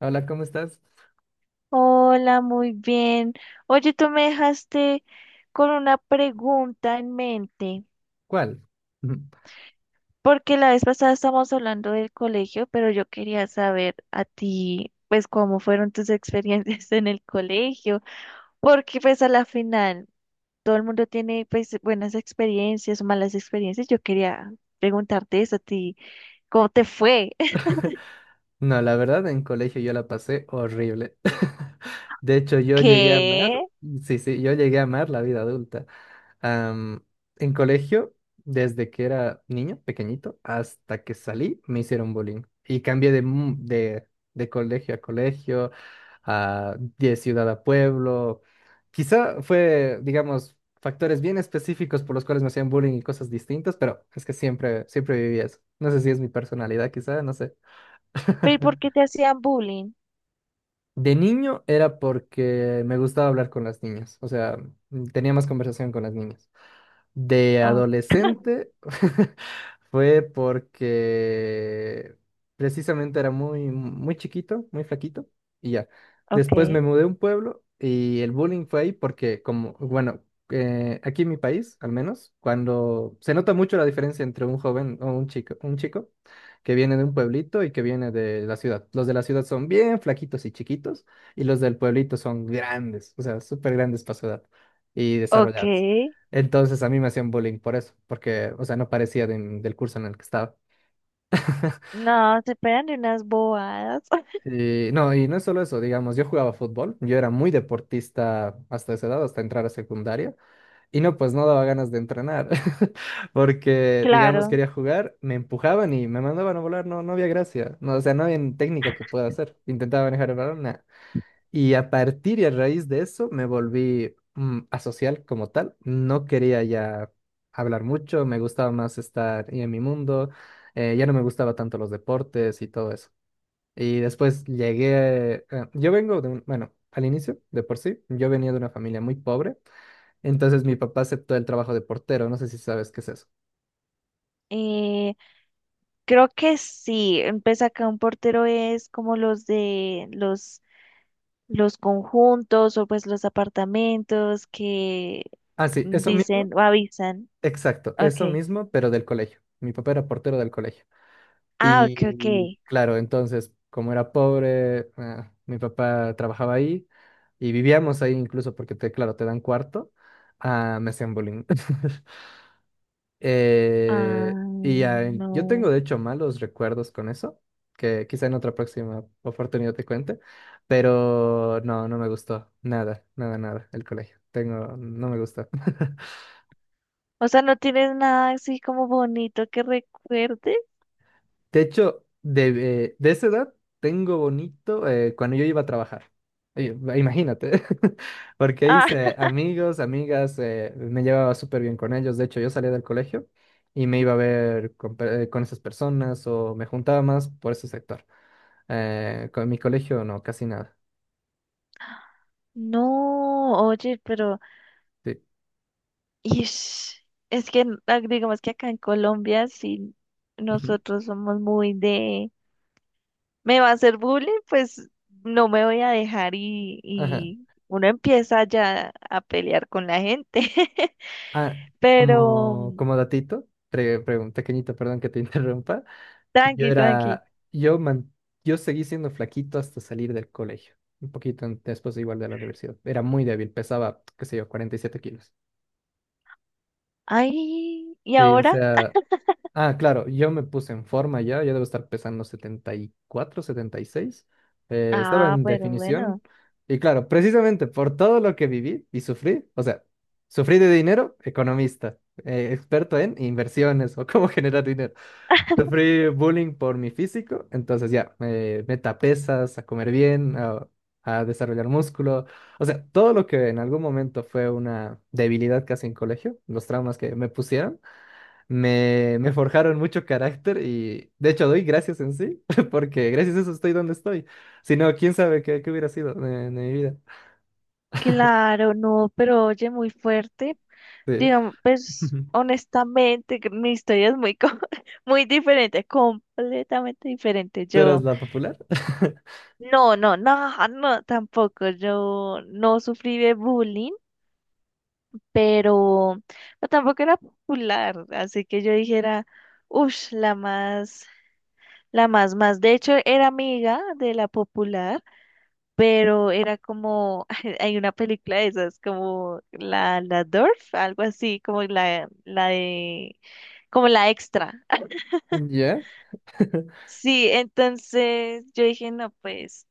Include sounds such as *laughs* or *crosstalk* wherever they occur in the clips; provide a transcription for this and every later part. Hola, ¿cómo estás? Hola, muy bien. Oye, tú me dejaste con una pregunta en mente, ¿Cuál? *laughs* porque la vez pasada estábamos hablando del colegio, pero yo quería saber a ti, pues, cómo fueron tus *laughs* experiencias en el colegio, porque pues a la final todo el mundo tiene pues buenas experiencias o malas experiencias. Yo quería preguntarte eso a ti, ¿cómo te fue? *laughs* No, la verdad, en colegio yo la pasé horrible. *laughs* De hecho, yo llegué a amar, ¿Qué? sí, sí, yo llegué a amar la vida adulta. Am, en colegio, desde que era niño, pequeñito, hasta que salí, me hicieron bullying. Y cambié de colegio a colegio, a, de ciudad a pueblo. Quizá fue, digamos, factores bien específicos por los cuales me hacían bullying y cosas distintas, pero es que siempre, siempre viví eso. No sé si es mi personalidad, quizá, no sé. ¿Pero y por qué *laughs* te hacían bullying? De niño era porque me gustaba hablar con las niñas, o sea, tenía más conversación con las niñas. De Oh, adolescente *laughs* fue porque precisamente era muy, muy chiquito, muy flaquito y ya. ok, Después me mudé a un pueblo y el bullying fue ahí porque como, bueno, aquí en mi país, al menos, cuando se nota mucho la diferencia entre un joven o un chico que viene de un pueblito y que viene de la ciudad. Los de la ciudad son bien flaquitos y chiquitos y los del pueblito son grandes, o sea, súper grandes para su edad y ok. desarrollados. Entonces a mí me hacían bullying por eso, porque, o sea, no parecía del curso en el que estaba. *laughs* No, se pegan de unas bobadas. *laughs* Y no es solo eso, digamos, yo jugaba fútbol, yo era muy deportista hasta esa edad, hasta entrar a secundaria, y no, pues no daba ganas de entrenar, *laughs* porque, digamos, Claro. quería jugar, me empujaban y me mandaban a volar, no, no había gracia, no, o sea, no había técnica que pueda hacer, intentaba manejar el balón, nah. Y a raíz de eso me volví asocial como tal. No quería ya hablar mucho, me gustaba más estar y en mi mundo, ya no me gustaba tanto los deportes y todo eso. Y después llegué, yo vengo de un, bueno, al inicio, de por sí, yo venía de una familia muy pobre, entonces mi papá aceptó el trabajo de portero, no sé si sabes qué es eso. Eh, Creo que sí. Empieza acá un portero es como los los conjuntos o pues los apartamentos que Ah, sí, eso mismo, dicen o avisan. exacto, eso Okay. mismo, pero del colegio. Mi papá era portero del colegio. Ah, ok, ok. Y claro, entonces, como era pobre, ah, mi papá trabajaba ahí y vivíamos ahí incluso porque, te, claro, te dan cuarto, ah, me hacían bullying. *laughs* Ah, Y ya, en- yo no. tengo de hecho malos recuerdos con eso, que quizá en otra próxima oportunidad te cuente, pero no, no me gustó, nada, nada, nada, el colegio. Tengo, no me gustó. *laughs* O sea, ¿no tienes nada así como bonito que recuerde? De hecho, de esa edad tengo bonito cuando yo iba a trabajar. Oye, imagínate, *laughs* porque Ah, hice *laughs* amigos, amigas, me llevaba súper bien con ellos. De hecho, yo salía del colegio y me iba a ver con, con esas personas o me juntaba más por ese sector. Con mi colegio no, casi nada. no, oye, pero Sí. y es que digamos que acá en Colombia, si Ujú. nosotros somos muy de, me va a hacer bullying, pues no me voy a dejar Ajá. y uno empieza ya a pelear con la gente. *laughs* Ah, Pero como, como datito, pequeñito, perdón que te *laughs* interrumpa. Yo tranqui, tranqui. era, yo, man- Yo seguí siendo flaquito hasta salir del colegio, un poquito después igual de la universidad. Era muy débil, pesaba, qué sé yo, 47 kilos. Ay, ¿y Sí, o ahora? sea, ah, claro, yo me puse en forma ya, yo debo estar pesando 74, 76. Estaba Ah, en pero bueno, definición y claro, precisamente por todo lo que viví y sufrí, o sea, sufrí de dinero, economista, experto en inversiones o *laughs* cómo generar dinero. Sufrí bullying por mi físico, entonces ya, meta pesas, a comer bien, a desarrollar músculo. O sea, todo lo que en algún momento fue una debilidad casi en colegio, los traumas que me pusieron, me forjaron mucho carácter y de hecho doy gracias en sí, *laughs* porque gracias a eso estoy donde estoy. Si no, quién sabe qué, qué hubiera sido de mi vida. claro, no, pero oye, muy fuerte. Sí. Digamos, pues *laughs* honestamente, que mi historia es muy, *laughs* muy diferente, completamente diferente. ¿Tú eras Yo. la popular? *laughs* No, no, no, *laughs* no, tampoco. Yo no sufrí de bullying, pero no, tampoco era popular, así que yo dijera, uff, la más, más. De hecho, era amiga de la popular, pero era como, *laughs* hay una película de esas, como la Dorf, algo así, como la de, como la extra. *laughs* ¿Ya? *laughs* Sí, entonces yo dije, no, pues.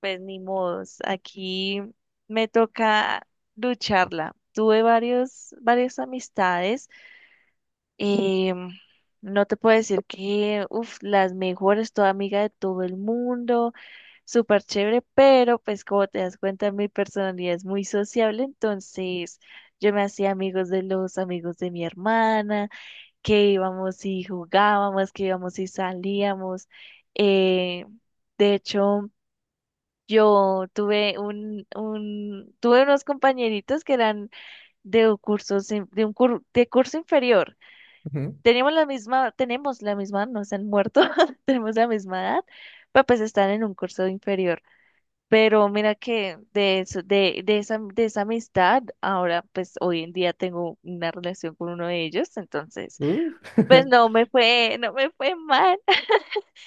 Pues ni modos, aquí me toca lucharla. Tuve varias amistades. eh, no te puedo decir que, uff, las mejores, toda amiga de todo el mundo, súper chévere, pero pues como te das cuenta, mi personalidad es muy sociable, entonces yo me hacía amigos de los amigos de mi hermana, que íbamos y jugábamos, que íbamos y salíamos. eh, de hecho... Yo tuve tuve unos compañeritos que eran de cursos, de curso inferior. Ujú. Teníamos la misma, tenemos la misma, no se han muerto, *laughs* tenemos la misma edad, pero pues están en un curso inferior. Pero mira que de eso, de esa amistad, ahora pues hoy en día tengo una relación con uno de ellos, entonces Uh. pues *laughs* no me fue, no me fue mal,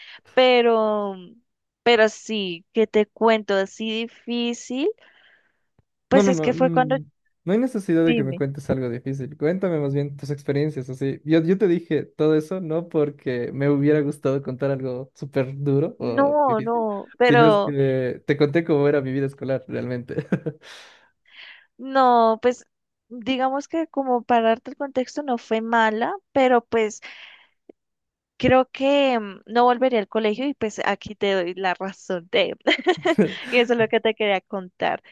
*laughs* pero, pero sí, que te cuento así difícil. No, Pues no, es no. que fue cuando, No hay necesidad de que me dime, cuentes algo difícil. Cuéntame más bien tus experiencias, así. Yo te dije todo eso no porque me hubiera gustado contar algo súper duro o no, difícil, no, sino es pero que te conté cómo era mi vida escolar realmente. no, pues digamos que como para darte el contexto no fue mala, pero pues creo que no volvería al colegio y pues aquí te doy la razón de, *laughs* y *laughs* eso es lo que te quería contar.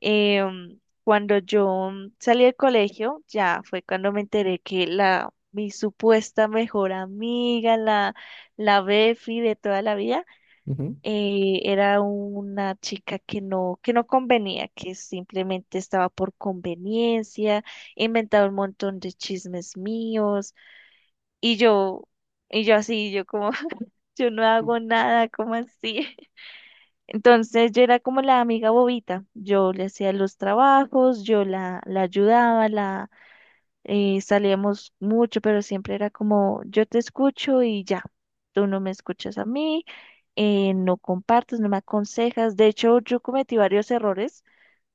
Cuando yo salí del colegio, ya fue cuando me enteré que la, mi supuesta mejor amiga, la, la Befi de toda la vida, Ujú. Era una chica que no convenía, que simplemente estaba por conveniencia, inventaba un montón de chismes míos, y yo, y yo así, yo como, *laughs* yo no hago nada, ¿como así? *laughs* Entonces yo era como la amiga bobita, yo le hacía los trabajos, yo la, la ayudaba, la salíamos mucho, pero siempre era como yo te escucho y ya, tú no me escuchas a mí, no compartes, no me aconsejas. De hecho, yo cometí varios errores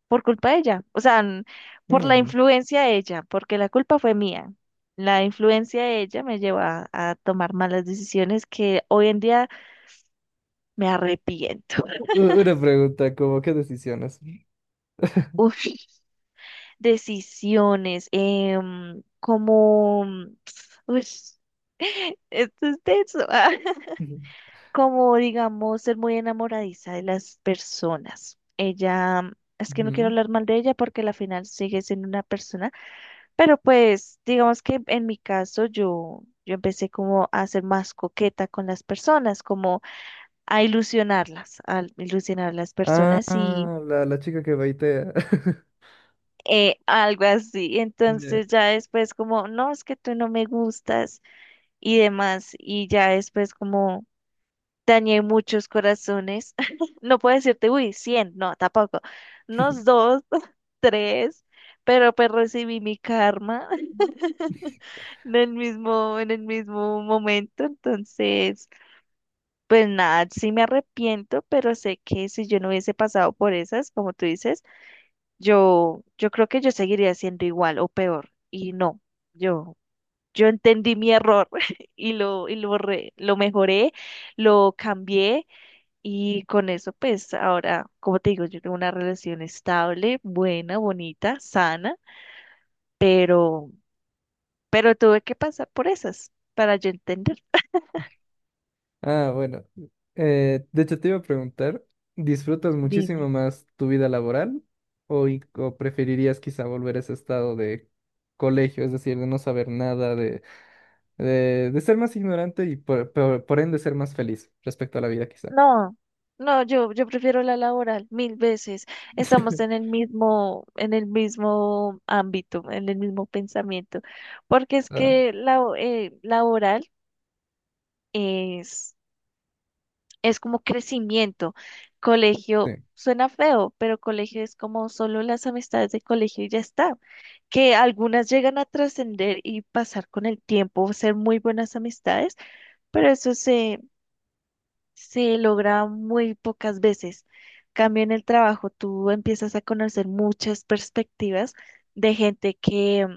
por culpa de ella, o sea, por la Mm. influencia de ella, porque la culpa fue mía. La influencia de ella me llevó a tomar malas decisiones que hoy en día me arrepiento. U- Una pregunta, como, ¿qué decisiones? *laughs* *laughs* Uf, decisiones, como... *tsk* uy, *laughs* esto es tenso. *laughs* Ujú. Como digamos, ser muy enamoradiza de las personas. Ella, es que no quiero Ujú. hablar mal de ella porque al final sigue siendo una persona, pero pues digamos que en mi caso yo, yo empecé como a ser más coqueta con las personas, como a ilusionarlas, a ilusionar a las personas y Ah, la chica que baitea. *laughs* Algo así. Ya. Entonces ya después como, no, es que tú no me gustas y demás, y ya después como... Dañé muchos corazones. *laughs* No puedo decirte, uy, 100, no, tampoco. Unos dos, *laughs* tres, pero pues recibí mi karma *laughs* en el mismo momento. Entonces, pues nada, sí me arrepiento, pero sé que si yo no hubiese pasado por esas, como tú dices, yo creo que yo seguiría siendo igual o peor. Y no, yo, yo entendí mi error *laughs* lo mejoré, lo cambié. Y con eso, pues ahora, como te digo, yo tengo una relación estable, buena, bonita, sana, pero, pero tuve que pasar por esas para yo entender. Ah, bueno. De hecho, te iba a preguntar, ¿disfrutas Dime. muchísimo más tu vida laboral o, o preferirías quizá volver a ese estado de colegio, es decir, de no saber nada, de ser más ignorante y por ende ser más feliz respecto a la vida quizá? No, no, yo prefiero la laboral mil veces. Estamos *laughs* en el mismo ámbito, en el mismo pensamiento, porque es Ah, que la laboral es es como crecimiento. Colegio sí. suena feo, pero colegio es como solo las amistades de colegio y ya está. Que algunas llegan a trascender y pasar con el tiempo, ser muy buenas amistades, pero eso se logra muy pocas veces. Cambio en el trabajo, tú empiezas a conocer muchas perspectivas de gente que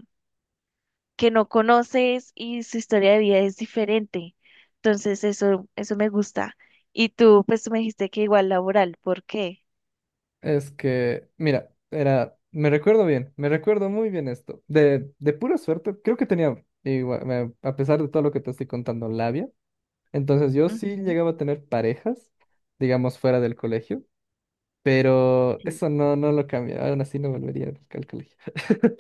no conoces y su historia de vida es diferente. Entonces, eso me gusta. Y tú, pues, tú me dijiste que igual laboral, ¿por qué? Es que, mira, era, me recuerdo bien, me recuerdo muy bien esto. De pura suerte, creo que tenía, igual, a pesar de todo lo que te estoy contando, labia. Entonces yo sí Ujú. llegaba a tener parejas, digamos, fuera del colegio, pero Sí. eso no, no lo cambia. Aún así no volvería al colegio. *laughs*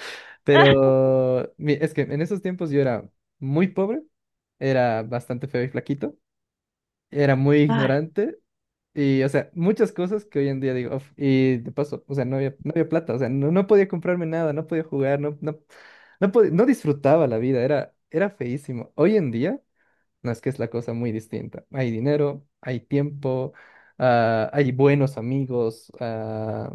*laughs* Pero es que en esos tiempos yo era muy pobre, era bastante feo y flaquito, era muy Ay, ignorante y, o sea, muchas cosas que hoy en día digo, "Uf", y de paso, o sea, no había, no había plata, o sea, no, no podía comprarme nada, no podía jugar, no, no, no, no disfrutaba la vida, era, era feísimo. Hoy en día... No es que es la cosa muy distinta. Hay dinero, hay tiempo, ah, hay buenos amigos, ah,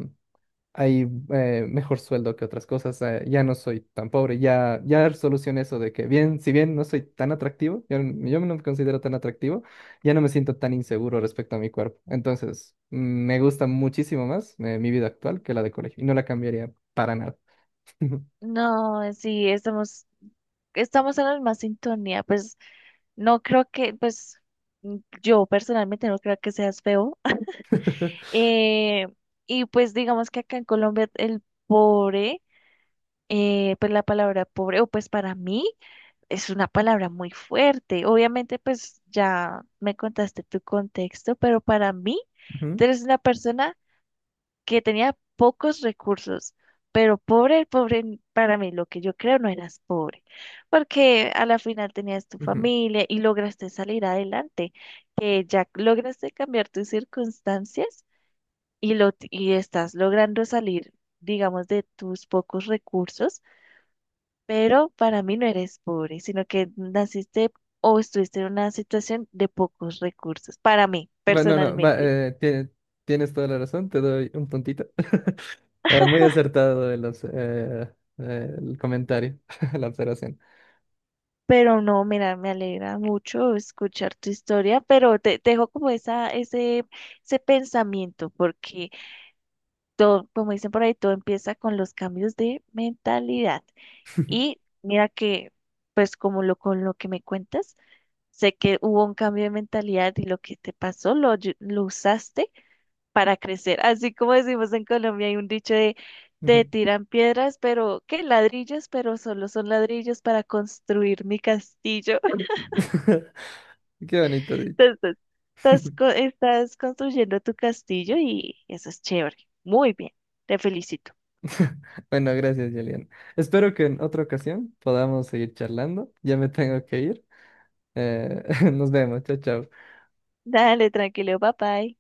hay mejor sueldo que otras cosas. Ya no soy tan pobre, ya, ya solucioné eso de que bien, si bien no soy tan atractivo, yo, yo no me considero tan atractivo, ya no me siento tan inseguro respecto a mi cuerpo. Entonces, me gusta muchísimo más mi vida actual que la de colegio y no la cambiaría para nada. *laughs* no, sí, estamos, estamos en la misma sintonía. Pues, no creo que, pues, mm, yo personalmente no creo que seas feo. *laughs* Eh, y pues, digamos que acá en Colombia el pobre, pues la palabra pobre, o pues para mí es una palabra muy fuerte. Obviamente, pues ya me contaste tu contexto, pero para mí, Ujú, tú eres una persona que tenía pocos recursos, pero pobre, pobre, para mí, lo que yo creo no eras pobre, porque a la final tenías tu ujú. familia y lograste salir adelante, que ya lograste cambiar tus circunstancias y, lo, y estás logrando salir, digamos, de tus pocos recursos, pero para mí no eres pobre, sino que naciste o estuviste en una situación de pocos recursos, para mí, Va, no, no, va, personalmente. Tienes toda la razón, te doy un puntito. *laughs* Muy acertado el, el comentario, *laughs* la observación. Pero no, mira, me alegra mucho escuchar tu historia, pero te dejo como esa, ese pensamiento, porque todo, como dicen por ahí, todo empieza con los cambios de mentalidad. Y *laughs* mira que, pues como lo con lo que me cuentas, sé que hubo un cambio de mentalidad y lo que te pasó lo, lo usaste para crecer. Así como decimos en Colombia, hay un dicho de te Ujú. tiran piedras, pero ¿qué? Ladrillos, pero solo son ladrillos para construir mi castillo. *laughs* *laughs* Qué bonito dicho. Entonces, estás, estás construyendo tu castillo y eso es chévere. Muy bien, te felicito. *laughs* Bueno, gracias, Julián. Espero que en otra ocasión podamos seguir charlando. Ya me tengo que ir. Eh, *laughs* nos vemos, chao, chao. Dale, tranquilo, bye bye.